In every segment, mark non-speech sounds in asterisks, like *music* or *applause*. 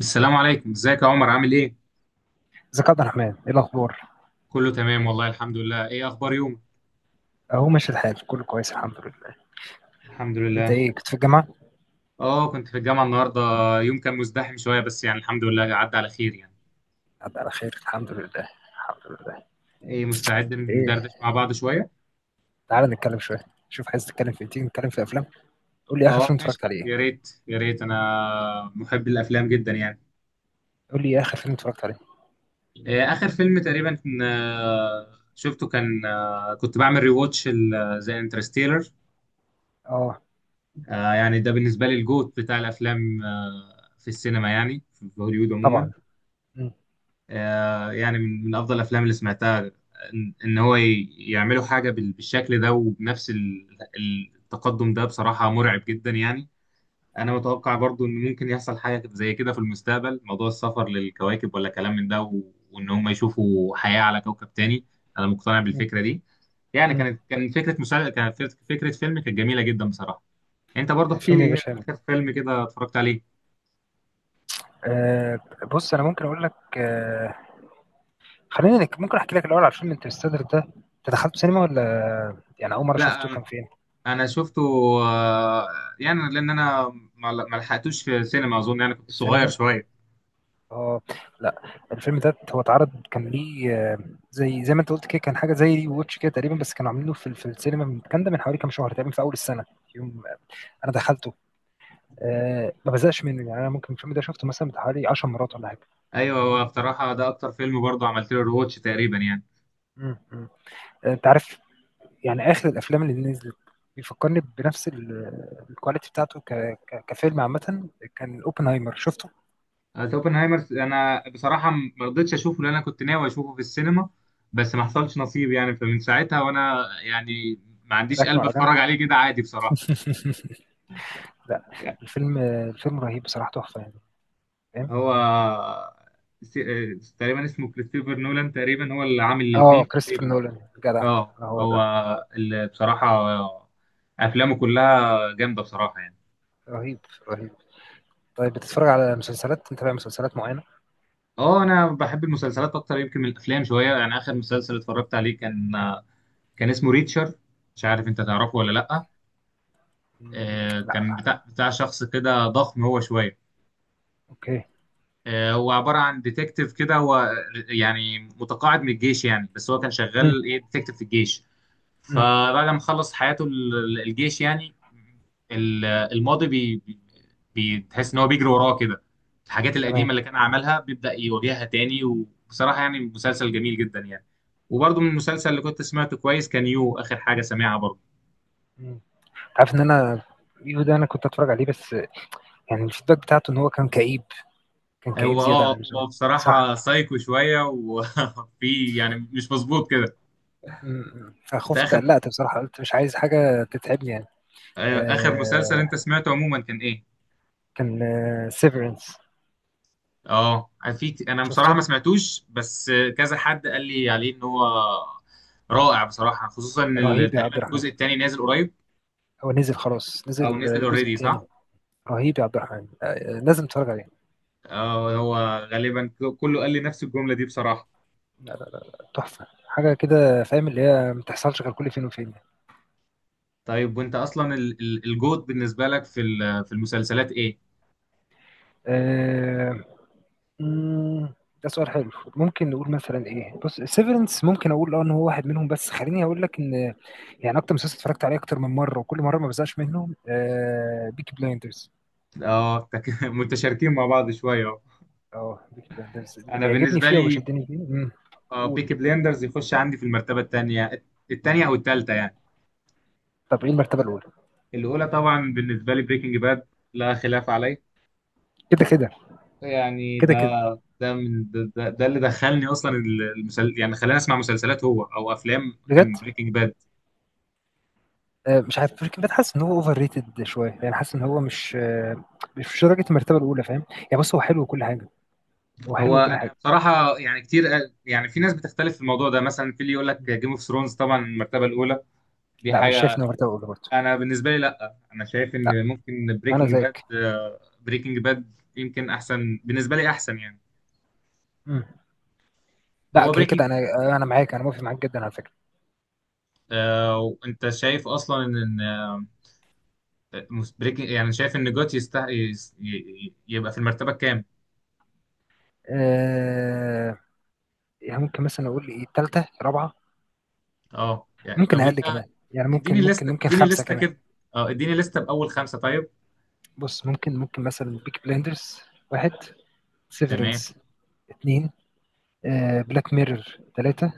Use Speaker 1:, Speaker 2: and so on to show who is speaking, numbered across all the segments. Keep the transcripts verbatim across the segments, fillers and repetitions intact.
Speaker 1: السلام عليكم، ازيك يا عمر؟ عامل ايه؟
Speaker 2: ازيك يا عبد الرحمن؟ ايه الاخبار؟
Speaker 1: كله تمام والله، الحمد لله. ايه اخبار يومك؟
Speaker 2: اهو ماشي الحال، كله كويس الحمد لله.
Speaker 1: الحمد
Speaker 2: انت
Speaker 1: لله.
Speaker 2: ايه كنت في الجامعه؟
Speaker 1: اه كنت في الجامعه النهارده. يوم كان مزدحم شويه، بس يعني الحمد لله عدى على خير يعني.
Speaker 2: عدى على خير الحمد لله. الحمد لله.
Speaker 1: ايه مستعد
Speaker 2: ايه،
Speaker 1: ندردش مع بعض شويه؟
Speaker 2: تعال نتكلم شويه، شوف عايز تتكلم في ايه. تيجي نتكلم في افلام؟ قول لي اخر
Speaker 1: اه
Speaker 2: فيلم
Speaker 1: ماشي،
Speaker 2: اتفرجت عليه ايه.
Speaker 1: يا ريت يا ريت، انا محب الافلام جدا يعني.
Speaker 2: قول لي اخر فيلم اتفرجت عليه.
Speaker 1: إيه اخر فيلم تقريبا كان- آه، شفته، كان آه، كنت بعمل ريواتش زي انترستيلر.
Speaker 2: اه
Speaker 1: يعني ده بالنسبه لي الجوت بتاع الافلام، آه، في السينما يعني في هوليوود عموما.
Speaker 2: طبعا. مم.
Speaker 1: آه، يعني من من افضل الافلام اللي سمعتها. ان إن هو ي- يعملوا حاجه بال- بالشكل ده، وبنفس ال- ال- التقدم ده، بصراحه مرعب جدا يعني. انا
Speaker 2: مم.
Speaker 1: متوقع برضو ان ممكن يحصل حاجه زي كده في المستقبل، موضوع السفر للكواكب ولا كلام من ده، و- وان هم يشوفوا حياه على كوكب تاني. انا مقتنع
Speaker 2: مم.
Speaker 1: بالفكره دي. يعني
Speaker 2: مم.
Speaker 1: كانت كان فكره مسا... كانت فكره فكرة فيلم كانت جميله جدا بصراحه. انت برضو احكي لي
Speaker 2: الفيلم يا
Speaker 1: ايه
Speaker 2: باشا.
Speaker 1: اخر فيلم كده اتفرجت عليه؟
Speaker 2: آه، بص انا ممكن اقول لك. آه خلينا نك... ممكن احكي لك الاول على فيلم انترستيلر ده. انت دخلته سينما ولا يعني اول مره شفته
Speaker 1: لا،
Speaker 2: كان فين؟
Speaker 1: انا شفته. آه، يعني لان انا ما ما لحقتوش في السينما اظن، يعني كنت صغير
Speaker 2: السينما؟
Speaker 1: شويه.
Speaker 2: اه لا، الفيلم ده هو اتعرض كان ليه آه، زي زي ما انت قلت كده، كان حاجه زي ري ووتش كده تقريبا، بس كانوا عاملينه في في السينما من كان ده من حوالي كام شهر تقريبا في اول السنه. يوم انا دخلته، أه ما بزهقش منه. يعني انا ممكن الفيلم ده شفته مثلا بتاع حوالي 10 مرات ولا حاجه.
Speaker 1: ايوه، هو بصراحه ده اكتر فيلم برضه عملت له رواتش تقريبا يعني.
Speaker 2: مم، مم. آه، انت عارف، يعني اخر الافلام اللي نزلت بيفكرني بنفس ال- الكواليتي بتاعته ك... ك... كفيلم عامه، كان اوبنهايمر. شفته؟
Speaker 1: آه، اوبنهايمر انا بصراحه م- ما رضيتش اشوفه، لان انا كنت ناوي اشوفه في السينما، بس ما
Speaker 2: مم.
Speaker 1: حصلش نصيب يعني، فمن ساعتها وانا يعني ما عنديش
Speaker 2: ركنه
Speaker 1: قلب
Speaker 2: على
Speaker 1: اتفرج
Speaker 2: جنب.
Speaker 1: عليه كده عادي بصراحه.
Speaker 2: *laughs* لا،
Speaker 1: يعني
Speaker 2: الفيلم آه، الفيلم رهيب بصراحه، تحفه يعني، فاهم.
Speaker 1: هو، آه، س- آه، تقريبا اسمه كريستوفر نولان، تقريبا هو اللي عامل
Speaker 2: اه
Speaker 1: الاثنين
Speaker 2: كريستوفر
Speaker 1: تقريبا.
Speaker 2: نولان جدع.
Speaker 1: اه
Speaker 2: آه، هو
Speaker 1: هو
Speaker 2: ده.
Speaker 1: اللي بصراحة آه، أفلامه كلها جامدة بصراحة يعني.
Speaker 2: رهيب، رهيب. طيب بتتفرج على مسلسلات؟ متابع مسلسلات معينة؟
Speaker 1: اه أنا بحب المسلسلات أكتر يمكن من الأفلام شوية. يعني آخر مسلسل اتفرجت عليه كان، آه، كان اسمه ريتشر، مش عارف أنت تعرفه ولا لأ.
Speaker 2: مم،
Speaker 1: آه،
Speaker 2: لا.
Speaker 1: كان بتاع بتاع شخص كده ضخم هو شوية.
Speaker 2: اوكي.
Speaker 1: آه، هو عبارة عن ديتكتيف كده، هو يعني متقاعد من الجيش يعني، بس هو كان
Speaker 2: مم،
Speaker 1: شغال إيه، ديتكتيف في الجيش.
Speaker 2: مم،
Speaker 1: فبعد ما خلص حياته ال- الجيش يعني، ال- الماضي بي بي- بتحس ان هو بيجري وراه كده. الحاجات القديمه
Speaker 2: تمام.
Speaker 1: اللي كان عملها بيبدا يواجهها تاني، وبصراحه يعني مسلسل جميل جدا يعني. وبرضه من المسلسل اللي كنت سمعته كويس كان يو، اخر حاجه سامعها برضه.
Speaker 2: مم. عارف ان انا يو ده انا كنت اتفرج عليه، بس يعني الفيدباك بتاعته ان هو كان كئيب، كان كئيب
Speaker 1: هو
Speaker 2: زيادة عن
Speaker 1: اه،
Speaker 2: اللزوم.
Speaker 1: هو
Speaker 2: صح.
Speaker 1: بصراحه سايكو شويه وفي *laughs* يعني مش مظبوط كده.
Speaker 2: مم.
Speaker 1: انت
Speaker 2: فخفت،
Speaker 1: اخر،
Speaker 2: قلقت بصراحة، قلت مش عايز حاجة تتعبني يعني.
Speaker 1: آه، اخر مسلسل
Speaker 2: آه
Speaker 1: انت سمعته عموما كان ايه؟
Speaker 2: كان سيفرنس.
Speaker 1: اه، في ك- انا بصراحه ما
Speaker 2: شفته؟
Speaker 1: سمعتوش، بس كذا حد قال لي عليه ان هو رائع بصراحه، خصوصا ان ال-
Speaker 2: رهيب يا عبد
Speaker 1: تقريبا
Speaker 2: الرحمن.
Speaker 1: الجزء الثاني نازل قريب.
Speaker 2: هو نزل خلاص،
Speaker 1: او
Speaker 2: نزل
Speaker 1: نزل
Speaker 2: الجزء
Speaker 1: اوريدي،
Speaker 2: الثاني.
Speaker 1: صح؟
Speaker 2: رهيب يا عبد الرحمن، آه لازم تتفرج عليه.
Speaker 1: اه، هو غالبا ك- كله قال لي نفس الجمله دي بصراحه.
Speaker 2: لا لا لا لا، تحفة حاجة كده فاهم، اللي هي ما بتحصلش غير كل فين وفين يعني.
Speaker 1: طيب وانت اصلا ال- ال- الجود بالنسبه لك في ال- في المسلسلات ايه؟
Speaker 2: آه، مم، ده سؤال حلو. ممكن نقول مثلا ايه، بص سيفرنس ممكن اقول اه ان هو واحد منهم، بس خليني اقول لك ان يعني اكتر مسلسل اتفرجت عليه اكتر من مرة وكل مرة ما بزهقش منه آه بيكي بلايندرز.
Speaker 1: اه تك- *laughs* متشاركين مع بعض شويه أهو.
Speaker 2: اه بيكي بلايندرز اللي
Speaker 1: انا
Speaker 2: بيعجبني
Speaker 1: بالنسبه
Speaker 2: فيه
Speaker 1: لي
Speaker 2: وبيشدني فيه. مم، قول.
Speaker 1: بيكي بليندرز يخش عندي في المرتبه الثانيه، الثانيه او الثالثه يعني.
Speaker 2: طب ايه المرتبة الاولى؟
Speaker 1: الاولى طبعا بالنسبه لي بريكنج باد، لا خلاف عليه.
Speaker 2: كده كده.
Speaker 1: يعني
Speaker 2: كده
Speaker 1: ده،
Speaker 2: كده.
Speaker 1: ده من ده, ده, ده اللي دخلني اصلا المسل... يعني خلاني اسمع مسلسلات هو او افلام
Speaker 2: بجد؟
Speaker 1: كان بريكنج باد.
Speaker 2: آه، مش عارف، بريكنج باد حاسس ان هو اوفر ريتد شويه، يعني حاسس ان هو مش آه، مش درجه المرتبه الاولى فاهم. يعني بص هو حلو وكل حاجه. هو
Speaker 1: هو
Speaker 2: حلو وكل
Speaker 1: انا
Speaker 2: حاجه.
Speaker 1: بصراحه يعني كتير قال- يعني في ناس بتختلف في الموضوع ده، مثلا في اللي يقول لك جيم اوف ثرونز طبعا المرتبه الاولى، دي
Speaker 2: لا مش شايف
Speaker 1: حاجه.
Speaker 2: ان هو مرتبه اولى برضه.
Speaker 1: انا بالنسبه لي لا، انا شايف
Speaker 2: لا
Speaker 1: ان ممكن
Speaker 2: انا
Speaker 1: بريكنج باد،
Speaker 2: زيك.
Speaker 1: بريكنج باد يمكن احسن بالنسبه لي، احسن يعني.
Speaker 2: مم. لا
Speaker 1: هو
Speaker 2: كده
Speaker 1: بريكنج،
Speaker 2: كده انا، انا معاك، انا موافق معاك جدا على فكره.
Speaker 1: آه انت شايف اصلا ان، آه، مس- بريكنج، يعني شايف ان جوت يستحق يبقى في المرتبه الكام؟
Speaker 2: آه، يعني ممكن مثلا اقول ايه، ثالثه رابعه.
Speaker 1: اه يعني،
Speaker 2: ممكن
Speaker 1: طب
Speaker 2: اقل
Speaker 1: انت
Speaker 2: كمان يعني،
Speaker 1: اديني
Speaker 2: ممكن ممكن
Speaker 1: لستة،
Speaker 2: ممكن
Speaker 1: اديني
Speaker 2: خمسه
Speaker 1: لستة
Speaker 2: كمان.
Speaker 1: كده. اه اديني لستة بأول خمسة طيب.
Speaker 2: بص ممكن ممكن مثلا بيك بلندرز واحد،
Speaker 1: تمام.
Speaker 2: سيفرنس اثنين، بلاك ميرور ثلاثه.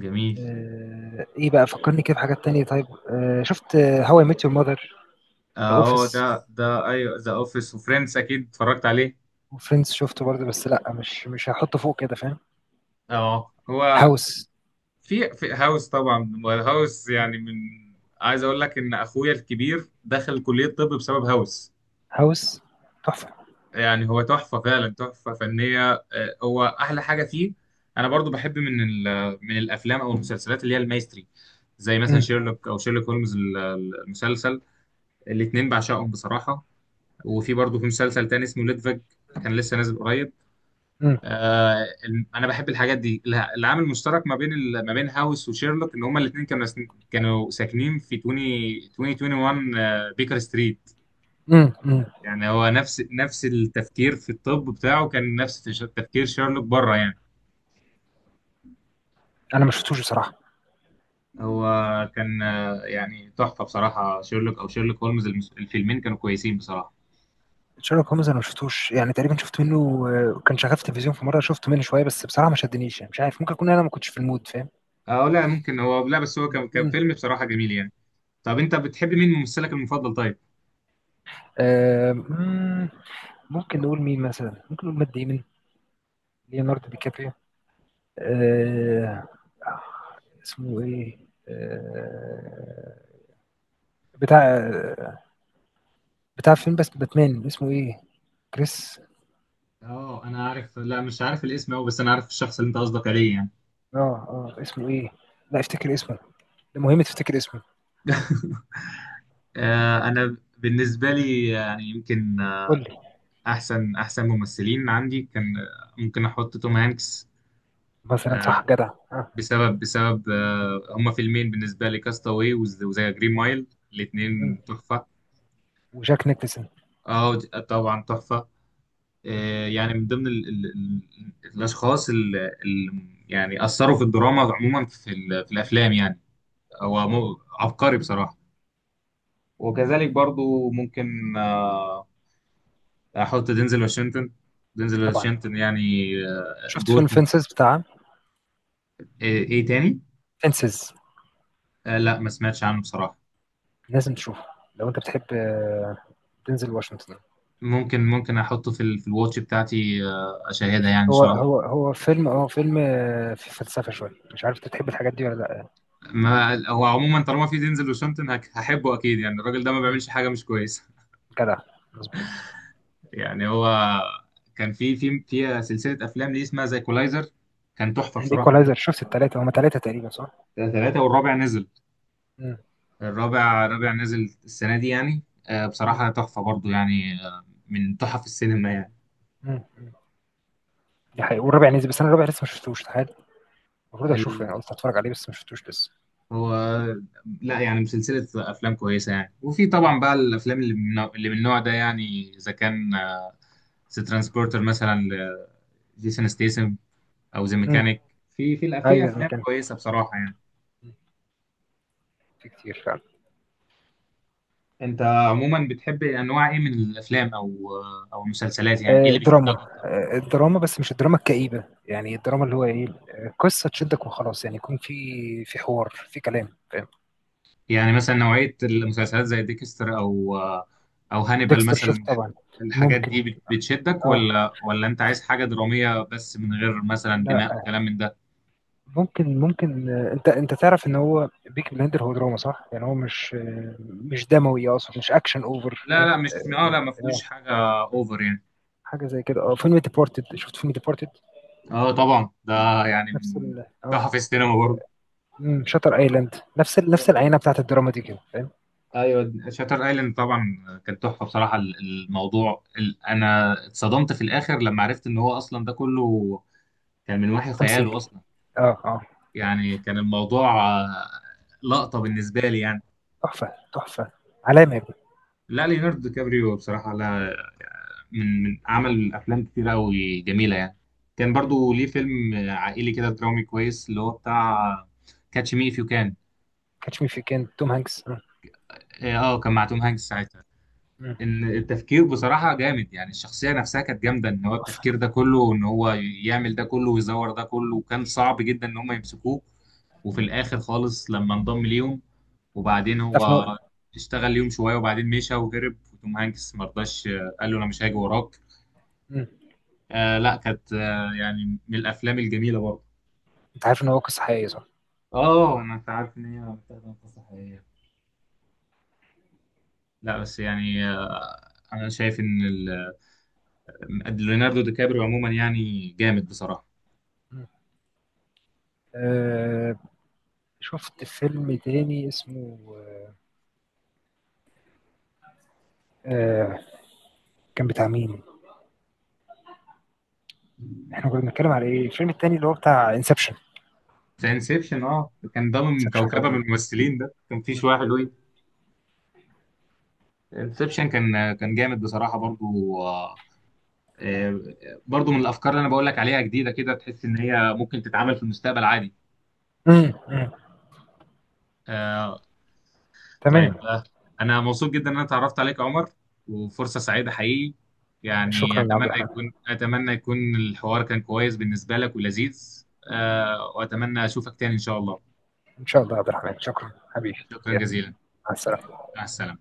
Speaker 1: جميل.
Speaker 2: آه، ايه بقى، فكرني كده بحاجات تانية. طيب آه، شفت هواي اي ميت يور ماذر. ذا
Speaker 1: اه
Speaker 2: اوفيس
Speaker 1: ده ده، ايوه ذا اوفيس، وفريندز اكيد اتفرجت عليه.
Speaker 2: وفريندز شفته برضه، بس لا مش مش هحطه فوق كده فاهم.
Speaker 1: اه هو،
Speaker 2: هاوس.
Speaker 1: في في هاوس طبعا، هاوس يعني من، عايز اقول لك ان اخويا الكبير دخل كلية طب بسبب هاوس.
Speaker 2: هاوس تحفة.
Speaker 1: يعني هو تحفة فعلا، تحفة فنية. آه، هو احلى حاجة فيه. انا برضو بحب من ال- من الافلام او المسلسلات اللي هي المايستري، زي مثلا
Speaker 2: امم.
Speaker 1: شيرلوك او شيرلوك هولمز ال- المسلسل. الاتنين بعشقهم بصراحة. وفي برضه في مسلسل تاني اسمه ليدفج، كان لسه نازل قريب.
Speaker 2: امم.
Speaker 1: آه ال- انا بحب الحاجات دي. الع- العامل المشترك ما بين ال- ما بين هاوس وشيرلوك ان هما الاثنين كانوا سن- كانوا ساكنين في واحد وعشرين آه بيكر ستريت.
Speaker 2: امم. امم.
Speaker 1: يعني هو نفس نفس التفكير في الطب بتاعه كان نفس تش- تفكير شيرلوك بره يعني.
Speaker 2: انا ما شفتوش بصراحة.
Speaker 1: هو كان آه يعني تحفة بصراحة، شيرلوك او شيرلوك هولمز المس- الفيلمين كانوا كويسين بصراحة.
Speaker 2: شارلوك هومز انا ما شفتوش، يعني تقريبا شفت منه آه، كان شغال في التلفزيون في مرة، شفت منه شوية بس بصراحة ما شدنيش، يعني مش عارف، ممكن اكون انا ما كنتش في المود فاهم.
Speaker 1: اه لا ممكن هو، لا بس هو
Speaker 2: مم،
Speaker 1: كان كان
Speaker 2: مم.
Speaker 1: فيلم بصراحة جميل يعني. طب انت بتحب مين، ممثلك المفضل طيب؟
Speaker 2: آه، مم، ممكن نقول مين مثلا، ممكن نقول مات ديمن، ليوناردو دي كابريو، آه، اسمه ايه آه، بتاع بتاع فيلم بس باتمان اسمه ايه، كريس.
Speaker 1: اه انا عارف، لا مش عارف الاسم أوي، بس انا عارف الشخص اللي انت قصدك عليه يعني.
Speaker 2: اه اه اسمه ايه، لا افتكر اسمه، ده مهم تفتكر اسمه.
Speaker 1: *laughs* آه، انا بالنسبه لي يعني يمكن، آه،
Speaker 2: قول لي.
Speaker 1: احسن احسن ممثلين عندي كان، آه، ممكن احط توم هانكس.
Speaker 2: مثلا صح،
Speaker 1: آه،
Speaker 2: جدع، اه.
Speaker 1: بسبب بسبب، آه، هما فيلمين بالنسبه لي، كاستاوي وزي جرين مايل،
Speaker 2: مم.
Speaker 1: الاثنين تحفه.
Speaker 2: وجاك نيكلسون.
Speaker 1: اه ج- طبعا تحفه.
Speaker 2: مم.
Speaker 1: آه، يعني من ضمن ال ال ال الاشخاص اللي يعني اثروا في الدراما عموما، في ال- في الافلام يعني. هو مو- عبقري بصراحه. وكذلك برضو ممكن، آه، احط دينزل واشنطن، دينزل
Speaker 2: طبعا.
Speaker 1: واشنطن يعني، آه،
Speaker 2: شفت فيلم
Speaker 1: جوت.
Speaker 2: فينسز بتاع،
Speaker 1: ايه، إيه تاني؟
Speaker 2: فينسز؟
Speaker 1: آه، لا ما سمعتش عنه بصراحة.
Speaker 2: لازم تشوفه لو انت بتحب آه، دينزل واشنطن.
Speaker 1: ممكن ممكن احطه في ال- في الواتش بتاعتي، آه، اشاهدها يعني ان
Speaker 2: هو
Speaker 1: شاء الله.
Speaker 2: هو هو فيلم اه فيلم آه، في فلسفة شوية، مش عارف انت بتحب الحاجات دي ولا لا.
Speaker 1: ما هو عموما طالما في دينزل واشنطن هك- هحبه اكيد، يعني الراجل ده ما
Speaker 2: مم.
Speaker 1: بيعملش حاجة مش كويسة.
Speaker 2: جدع، مظبوط.
Speaker 1: *laughs* يعني هو، كان في في في سلسلة افلام ليه اسمها زي كولايزر، كان تحفة بصراحة
Speaker 2: الايكولايزر،
Speaker 1: برضه.
Speaker 2: شفت الثلاثه؟ هما ثلاثه تقريبا صح؟
Speaker 1: ثلاثة، والرابع نزل،
Speaker 2: مم.
Speaker 1: الرابع، رابع نازل السنة دي يعني. آه،
Speaker 2: مم.
Speaker 1: بصراحة تحفة برضو يعني، آه، من تحف السينما يعني.
Speaker 2: مم. مم. دي حقيقة والرابع نزل، بس انا الرابع لسه ما شفتوش تخيل. المفروض اشوفه،
Speaker 1: ال-
Speaker 2: يعني قلت اتفرج عليه بس ما شفتوش لسه.
Speaker 1: هو لا، يعني من سلسلة أفلام كويسة يعني، وفي
Speaker 2: مم.
Speaker 1: طبعا بقى الأفلام اللي من نوع- اللي من النوع ده يعني، إذا كان ذا ترانسبورتر مثلا لجيسون ستيسم، أو ذا
Speaker 2: مم.
Speaker 1: ميكانيك، في في الأ- في
Speaker 2: ايوه زي ما
Speaker 1: أفلام
Speaker 2: كان،
Speaker 1: كويسة بصراحة يعني.
Speaker 2: في كتير فعلا.
Speaker 1: أنت عموما بتحب أنواع إيه من الأفلام، أو آه، أو المسلسلات؟ يعني إيه
Speaker 2: آه
Speaker 1: اللي بيشدك
Speaker 2: دراما،
Speaker 1: أكتر؟
Speaker 2: آه الدراما بس مش الدراما الكئيبه، يعني الدراما اللي هو ايه آه، قصه تشدك وخلاص، يعني يكون في في حوار في كلام فاهم.
Speaker 1: يعني مثلا نوعية المسلسلات زي ديكستر، أو أو هانيبال
Speaker 2: ديكستر
Speaker 1: مثلا،
Speaker 2: شفت طبعا.
Speaker 1: الحاجات
Speaker 2: ممكن.
Speaker 1: دي بت- بتشدك؟
Speaker 2: اه.
Speaker 1: ولا ولا أنت عايز حاجة درامية بس من غير مثلا
Speaker 2: لا.
Speaker 1: دماء وكلام من ده؟
Speaker 2: ممكن ممكن آه، انت انت تعرف ان هو بيك بلاندر هو دراما صح؟ يعني هو مش آه، مش دموي، اقصد مش اكشن اوفر
Speaker 1: لا
Speaker 2: فاهم؟
Speaker 1: لا
Speaker 2: آه،
Speaker 1: مش اه، لا ما فيهوش
Speaker 2: آه،
Speaker 1: حاجة أوفر يعني.
Speaker 2: حاجه زي كده. اه فيلم ديبورتد، شفت فيلم ديبورتد؟
Speaker 1: اه طبعا ده يعني
Speaker 2: نفس
Speaker 1: من
Speaker 2: ال اه،
Speaker 1: تحف السينما برضه.
Speaker 2: امم شاتر ايلاند، نفس ال...
Speaker 1: آه،
Speaker 2: نفس العينه بتاعت الدراما دي كده فاهم؟
Speaker 1: ايوه شاتر ايلاند طبعا، كانت تحفه بصراحه. ال- الموضوع ال- انا اتصدمت في الاخر لما عرفت ان هو اصلا ده كله كان من وحي خياله
Speaker 2: تمثيل،
Speaker 1: اصلا.
Speaker 2: اه اه،
Speaker 1: يعني كان الموضوع آه، لقطة بالنسبة لي يعني.
Speaker 2: تحفه تحفه، علامه يا ابني.
Speaker 1: لا ليوناردو دي كابريو بصراحة، لا، من من عمل أفلام كتير أوي جميلة يعني. كان
Speaker 2: مم.
Speaker 1: برضو ليه فيلم آه، عائلي كده درامي كويس، اللي هو بتاع كاتش مي إف يو كان.
Speaker 2: كاتش مي في كان توم هانكس. مم.
Speaker 1: اه آه، كان مع توم هانكس ساعتها.
Speaker 2: مم.
Speaker 1: ان التفكير بصراحة جامد يعني، الشخصية نفسها كانت جامدة، ان هو
Speaker 2: تحفه.
Speaker 1: التفكير ده كله، وان هو يعمل ده كله ويزور ده كله، وكان صعب جدا ان هم يمسكوه. وفي الاخر خالص لما انضم ليهم، وبعدين
Speaker 2: تعرف ان
Speaker 1: هو
Speaker 2: هو.
Speaker 1: اشتغل ليهم شوية، وبعدين مشى وهرب، وتوم هانكس مرضاش، آه، قال له انا مش هاجي وراك.
Speaker 2: مم.
Speaker 1: آه لا كانت آه يعني من الافلام الجميلة برضه.
Speaker 2: انت عارف ان هو قصه حقيقيه صح؟
Speaker 1: اه انا، انت عارف ان هي متاخدة من قصة حقيقية. لا بس يعني آه، انا شايف ان ال- ليوناردو دي كابريو عموما يعني جامد بصراحة.
Speaker 2: مم. آه، شفت فيلم تاني اسمه آه، آه، كان بتاع مين؟ احنا كنا بنتكلم على ايه؟ الفيلم التاني اللي هو بتاع انسبشن.
Speaker 1: زي انسبشن، اه كان ضامن
Speaker 2: انسبشن
Speaker 1: كوكبه من
Speaker 2: برضه.
Speaker 1: الممثلين، ده كان في
Speaker 2: مم.
Speaker 1: شويه حلوين. انسبشن كان كان جامد بصراحه برضو، آه، آه، برضو من الافكار اللي انا بقول لك عليها جديده كده، تحس ان هي ممكن تتعمل في المستقبل عادي.
Speaker 2: مم. مم.
Speaker 1: آه، طيب،
Speaker 2: تمام.
Speaker 1: آه، انا مبسوط جدا ان انا اتعرفت عليك يا عمر، وفرصه سعيده حقيقي. يعني
Speaker 2: شكرا عبد
Speaker 1: اتمنى
Speaker 2: الرحمن.
Speaker 1: يكون، اتمنى يكون الحوار كان كويس بالنسبه لك ولذيذ. آه، واتمنى اشوفك تاني ان شاء الله.
Speaker 2: ان شاء الله يا عبد الرحمن، شكرا حبيبي
Speaker 1: شكرا
Speaker 2: يا،
Speaker 1: جزيلا.
Speaker 2: مع السلامه.
Speaker 1: مع السلامه.